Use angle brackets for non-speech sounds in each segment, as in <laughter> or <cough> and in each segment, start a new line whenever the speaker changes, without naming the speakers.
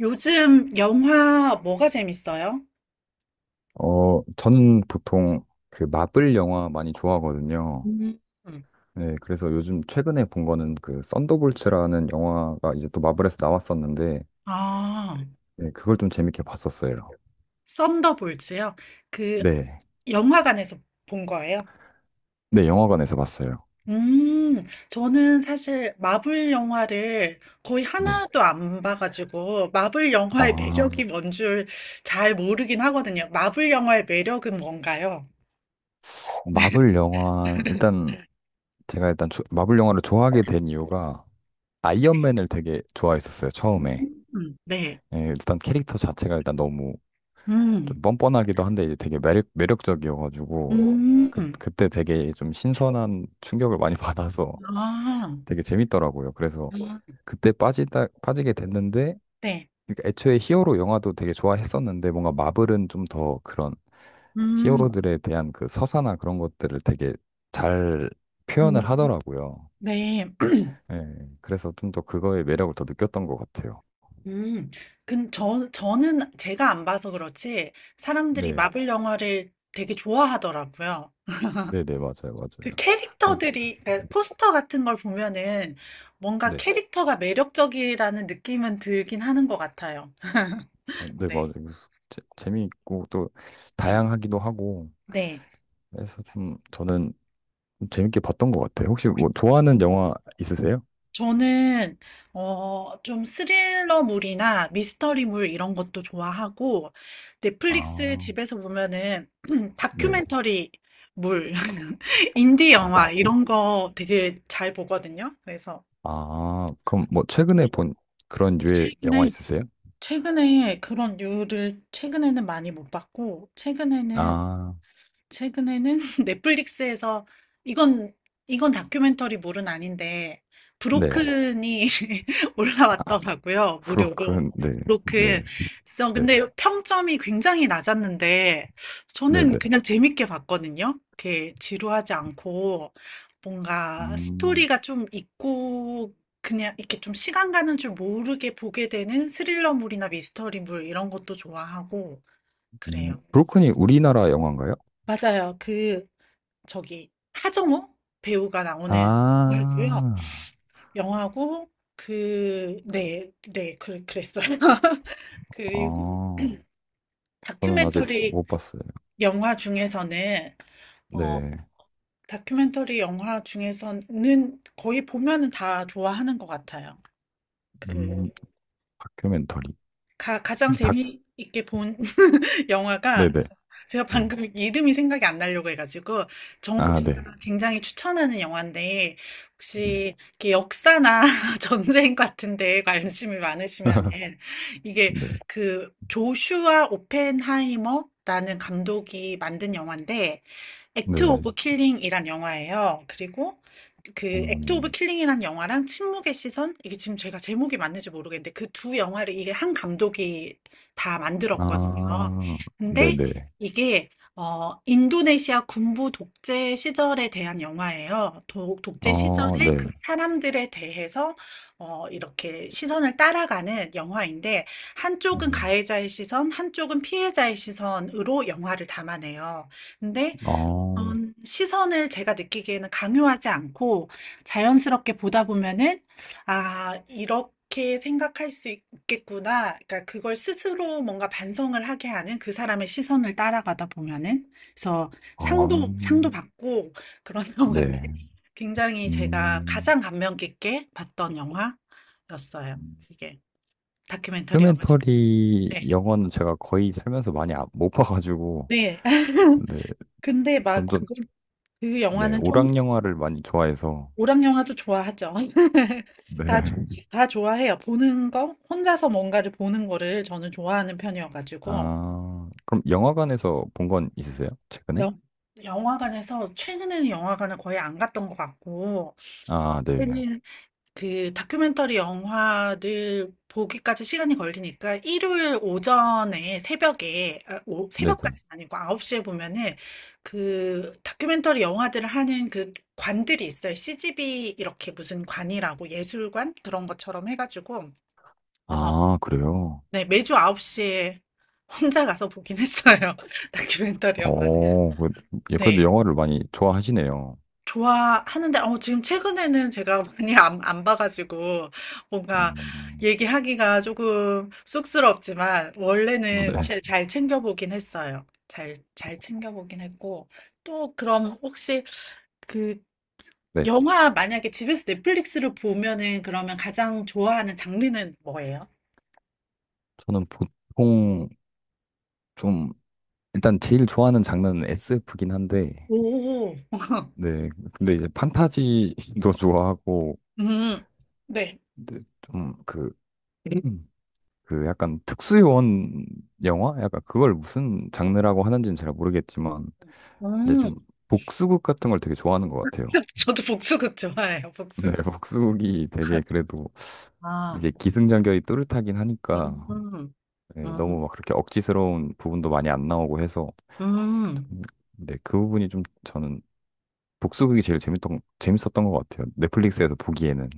요즘 영화 뭐가 재밌어요?
저는 보통 그 마블 영화 많이 좋아하거든요.
음. 음.
네, 그래서 요즘 최근에 본 거는 그 썬더볼츠라는 영화가 이제 또 마블에서 나왔었는데,
아,
네, 그걸 좀 재밌게 봤었어요.
썬더볼츠요? 그
네.
영화관에서 본 거예요?
네, 영화관에서 봤어요.
음, 저는 사실 마블 영화를 거의
네.
하나도 안 봐가지고 마블 영화의
아,
매력이 <laughs> 뭔 줄 잘 모르긴 하거든요. 마블 영화의 매력은 뭔가요?
마블 영화, 일단 제가 일단 마블 영화를 좋아하게 된 이유가 아이언맨을 되게 좋아했었어요, 처음에.
네.
예, 일단 캐릭터 자체가 일단 너무 좀
음,
뻔뻔하기도 한데 이제 되게 매력적이어가지고 그,
음,
그때 되게 좀 신선한 충격을 많이 <laughs> 받아서
아,
되게 재밌더라고요. 그래서 그때 빠지게 됐는데
네.
그러니까 애초에 히어로 영화도 되게 좋아했었는데 뭔가 마블은 좀 더 그런
음,
히어로들에 대한 그 서사나 그런 것들을 되게 잘 표현을
음,
하더라고요.
네.
예, 그래서 좀 더 그거의 매력을 더 느꼈던 것 같아요.
음. 근 저 저는 제가 안 봐서 그렇지 사람들이
네,
마블 영화를 되게 좋아하더라고요.
네네, 맞아요,
그
맞아요. 그래서-
캐릭터들이 그러니까 포스터 같은 걸 보면은 뭔가
네.
캐릭터가 매력적이라는 느낌은 들긴 하는 것 같아요. <laughs>
아, 네,
네.
맞아요. 그래서 재미있고 또
네.
다양하기도 하고
네.
해서 좀 저는 좀 재밌게 봤던 것 같아요. 혹시 뭐 좋아하는 영화 있으세요?
저는 좀 스릴러물이나 미스터리물 이런 것도 좋아하고 넷플릭스
아,
집에서 보면은 <clears throat>
네.
다큐멘터리 물, <laughs> 인디
아, 다.
영화 이런 거 되게 잘 보거든요. 그래서
아, 그럼 뭐 최근에 본 그런 류의 영화
최근에
있으세요?
최근에 그런 류를 최근에는 많이 못 봤고 최근에는
아,
최근에는 <laughs> 넷플릭스에서 이건 이건 다큐멘터리물은 아닌데
네.
브로큰이 <laughs> 올라왔더라고요. 무료로.
브로큰, 네, 네,
브로큰. 그래서
네,
근데 평점이 굉장히 낮았는데
네,
저는
네.
그냥 재밌게 봤거든요. 이렇게 지루하지 않고 뭔가
음,
스토리가 좀 있고 그냥 이렇게 좀 시간 가는 줄 모르게 보게 되는 스릴러물이나 미스터리물 이런 것도 좋아하고 그래요.
브로큰이 우리나라 영화인가요?
맞아요. 그 저기 하정우 배우가 나오는 영화고요.
아,
영화고 그 네, 네, 그랬어요. <laughs> 그리고
아, 저는 아직
다큐멘터리
못 봤어요.
영화 중에서는 어
네.
다큐멘터리 영화 중에서는 거의 보면은 다 좋아하는 것 같아요.
음,
그
다큐멘터리.
가장
혹시 다,
재미있게 본 <laughs> 영화가
네네.
제가
네.
방금 이름이 생각이 안 나려고 해가지고
아, 네.
제가 굉장히 추천하는 영화인데
네.
혹시 이렇게 역사나 <laughs> 전쟁 같은데 관심이 많으시면
<laughs>
이게
네.
그 조슈아 오펜하이머라는 감독이 만든 영화인데 액트
네.
오브 킬링이란 영화예요. 그리고 그 액트 오브
음,
킬링이란 영화랑 침묵의 시선 이게 지금 제가 제목이 맞는지 모르겠는데 그 두 영화를 이게 한 감독이 다 만들었거든요.
아,
근데
네네.
이게 인도네시아 군부 독재 시절에 대한 영화예요. 독재
어,
시절에
네.
그 사람들에 대해서 이렇게 시선을 따라가는 영화인데 한쪽은
음,
가해자의 시선, 한쪽은 피해자의 시선으로 영화를 담아내요. 근데
어,
어떤 시선을 제가 느끼기에는 강요하지 않고 자연스럽게 보다 보면은 '아 이렇게 생각할 수 있겠구나.' 그러니까 그걸 스스로 뭔가 반성을 하게 하는 그 사람의 시선을 따라가다 보면은. 그래서
어,
상도 받고 그런 <laughs> 영화인데
네.
굉장히 제가
음,
가장 감명 깊게 봤던 영화였어요. 이게 다큐멘터리 영화.
휴멘터리
네.
영화는 제가 거의 살면서 많이 못 봐가지고,
네. <laughs>
네.
근데 막
전좀
그그
네.
영화는 좀
오락 영화를 많이 좋아해서,
오락 영화도 좋아하죠. <laughs>
네.
다, 좋-
<laughs>
다 좋아해요. 보는 거, 혼자서 뭔가를 보는 거를 저는 좋아하는 편이어가지고.
아, 그럼 영화관에서 본 건 있으세요? 최근에?
영, 영화관에서, 최근에는 영화관을 거의 안 갔던 것 같고,
아, 네.
그 다큐멘터리 영화를 보기까지 시간이 걸리니까 일요일 오전에 새벽에,
네네.
새벽까지는 아니고 9시에 보면은 그 다큐멘터리 영화들을 하는 그 관들이 있어요. CGV 이렇게 무슨 관이라고 예술관 그런 것처럼 해가지고. 그래서
아, 그래요?
네, 매주 9시에 <laughs> 혼자 가서 보긴 했어요. <laughs> 다큐멘터리 영화를.
어, 예, 그래도
네.
영화를 많이 좋아하시네요.
좋아하는데, 지금 최근에는 제가 많이 안 봐가지고, 뭔가
음,
얘기하기가 조금 쑥스럽지만, 원래는
네.
잘 챙겨보긴 했어요. 잘 챙겨보긴 했고, 또 그럼 혹시 그
네.
영화 만약에 집에서 넷플릭스를 보면은 그러면 가장 좋아하는 장르는 뭐예요?
저는 보통 좀, 일단 제일 좋아하는 장르는 SF긴 한데,
오, <laughs>
네. 근데 이제 판타지도 <laughs> 좋아하고,
음, 네.
근데 좀 그, <clears throat> 음, 그 약간 특수요원 영화? 약간 그걸 무슨 장르라고 하는지는 잘 모르겠지만, 이제
음,
좀 복수극 같은 걸 되게 좋아하는 것 같아요.
<laughs> 저도 복수극 좋아해요,
네,
복수.
<laughs> 복수극이 되게 그래도
아,
이제 기승전결이 뚜렷하긴
음,
하니까, 네, 너무
음.
막 그렇게 억지스러운 부분도 많이 안 나오고 해서
음.
좀- 네, 그 부분이 좀 저는 복수극이 제일 재밌던 재밌었던 것 같아요. 넷플릭스에서 보기에는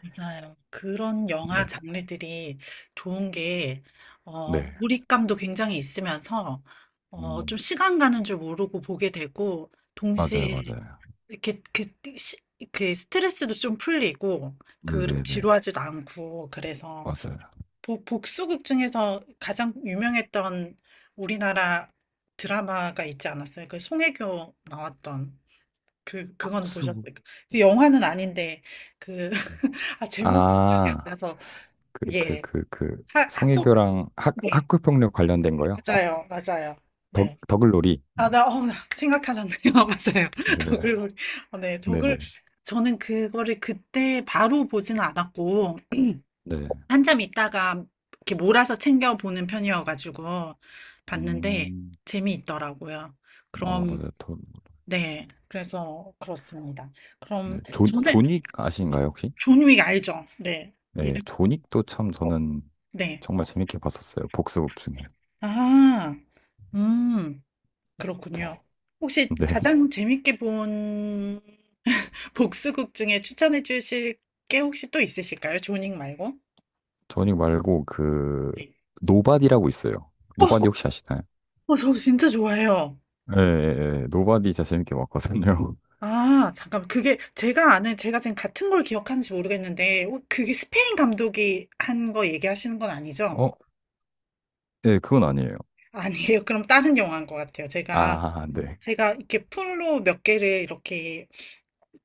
맞아요. 그런 영화
네,
장르들이 좋은 게,
네,
몰입감도 굉장히 있으면서, 좀
음,
시간 가는 줄 모르고 보게 되고,
맞아요,
동시에
맞아요.
이렇게, 시, 그 스트레스도 좀 풀리고,
네,
그,
네, 네,
지루하지도 않고, 그래서,
맞아요.
복수극 중에서 가장 유명했던 우리나라 드라마가 있지 않았어요? 그 송혜교 나왔던, 그건 보셨어요?
복수극
그 영화는 아닌데, 그, 아, 제목이 기억이 안
아,
나서,
그, 그,
예.
그, 그
학교,
송혜교랑 학
네.
학교폭력 관련된 거요?
맞아요, 맞아요.
더
네.
더글로리.
아, 나 생각하셨네요. <laughs> 맞아요.
네, 네,
더글로리. 어, 네,
네,
더글.
네,
저는 그거를 그때 바로 보지는 않았고,
네.
한참 있다가 이렇게 몰아서 챙겨보는 편이어가지고, 봤는데,
음,
재미있더라고요.
아
그럼,
맞아요. 더,
네. 그래서, 그렇습니다.
네,
그럼,
존
저는,
존윅 아신가요 혹시?
존윅 알죠? 네.
네,
이름,
조닉도 참 저는
네.
정말 재밌게 봤었어요. 복수극 중에.
아, 음. 그렇군요.
네.
혹시
<laughs> 네.
가장 재밌게 본 <laughs> 복수극 중에 추천해 주실 게 혹시 또 있으실까요? 조닝 말고?
조닉 말고 그
네.
노바디라고 있어요. 노바디 혹시 아시나요?
어, 저 진짜 좋아해요.
예, 예, 예. 노바디 진짜 재밌게 봤거든요.
아, 잠깐, 그게 제가 아는, 제가 지금 같은 걸 기억하는지 모르겠는데, 그게 스페인 감독이 한 거 얘기하시는 건
<laughs>
아니죠?
어? 예, 그건 아니에요.
아니에요. 그럼 다른 영화인 것 같아요.
아, 네.
제가 이렇게 풀로 몇 개를 이렇게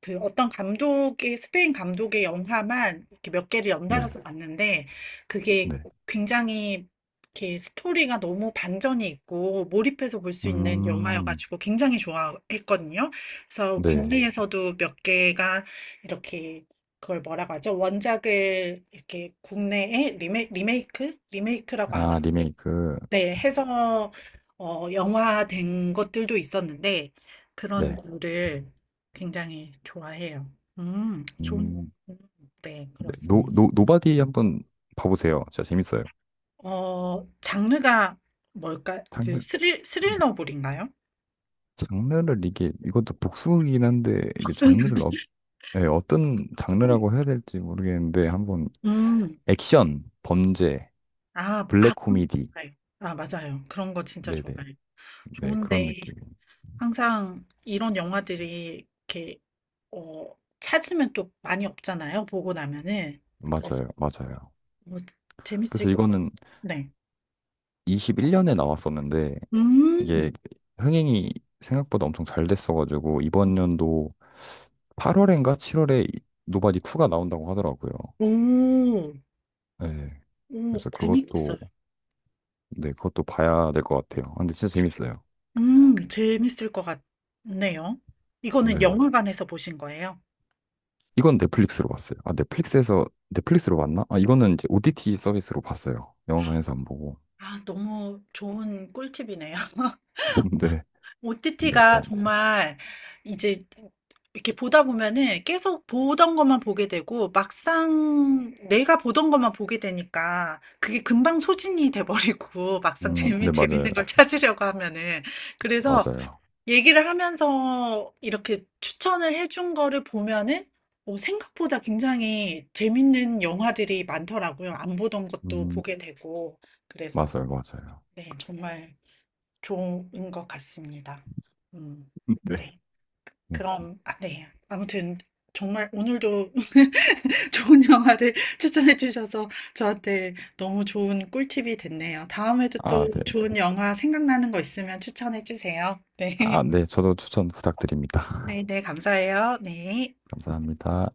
그 어떤 감독의, 스페인 감독의 영화만 이렇게 몇 개를
네.
연달아서 봤는데, 그게
네.
굉장히 이렇게 스토리가 너무 반전이 있고, 몰입해서 볼 수 있는
음.
영화여가지고 굉장히 좋아했거든요. 그래서
네.
국내에서도 몇 개가 이렇게 그걸 뭐라고 하죠? 원작을 이렇게 국내에 리메이크? 리메이크라고 안
아,
하나?
리메이크.
네, 해서 어, 영화된 것들도 있었는데 그런
네.
거를 굉장히 좋아해요. 좋은,
음.
네,
네. 노,
그렇습니다.
노, 노바디 한번 봐보세요. 진짜 재밌어요.
어, 장르가 뭘까? 그
장르,
스릴러물인가요?
장르를 이게, 이것도 복수극이긴 한데, 이게
무슨-
장르를
<laughs>
네, 어떤 장르라고 해야 될지 모르겠는데 한번
음,
액션, 범죄,
아,
블랙
그런 거
코미디,
좋아해요. 아, 맞아요. 그런 거 진짜
네네,
좋아해요.
네 그런
좋은데
느낌.
항상 이런 영화들이 이렇게 어, 찾으면 또 많이 없잖아요. 보고 나면은. 그래서
맞아요, 맞아요.
뭐
그래서
재밌을 것 같아요.
이거는
네.
21년에
어?
나왔었는데
음.
이게 흥행이 생각보다 엄청 잘 됐어가지고 이번 연도 8월인가 7월에 노바디 2가 나온다고 하더라고요.
오.
네,
오,
그래서
재밌겠어요.
그것도
있
네 그것도 봐야 될 것 같아요. 아, 근데 진짜
요
재밌어요.
재밌을 것 같네요. 이거는
네.
영화관에서 보신 거예요?
이건 넷플릭스로 봤어요. 아, 넷플릭스에서, 넷플릭스로 봤나? 아, 이거는 이제 OTT 서비스로 봤어요. 영화관에서 안 보고.
아, 너무 좋은 꿀팁이네요.
<laughs>
<laughs>
네. 네,
OTT가
아니,
정말 이제 이렇게 보다 보면은 계속 보던 것만 보게 되고 막상 내가 보던 것만 보게 되니까 그게 금방 소진이 돼버리고 <laughs> 막상
네, 맞아요.
재밌는 걸 찾으려고 하면은 그래서
맞아요.
얘기를 하면서 이렇게 추천을 해준 거를 보면은 어, 생각보다 굉장히 재밌는 영화들이 많더라고요. 안 보던 것도
음,
보게 되고. 그래서,
맞아요. 맞아요.
네, 정말 좋은 것 같습니다. 음,
<laughs> 네.
네.
그래서-
그럼, 아, 네. 아무튼, 정말 오늘도 <laughs> 좋은 영화를 <laughs> 추천해 주셔서 저한테 너무 좋은 꿀팁이 됐네요. 다음에도
아,
또
네.
좋은 영화 생각나는 거 있으면 추천해 주세요. 네.
아,
<laughs>
네. 저도 추천 부탁드립니다.
네,
<laughs>
네, 감사해요. 네.
감사합니다.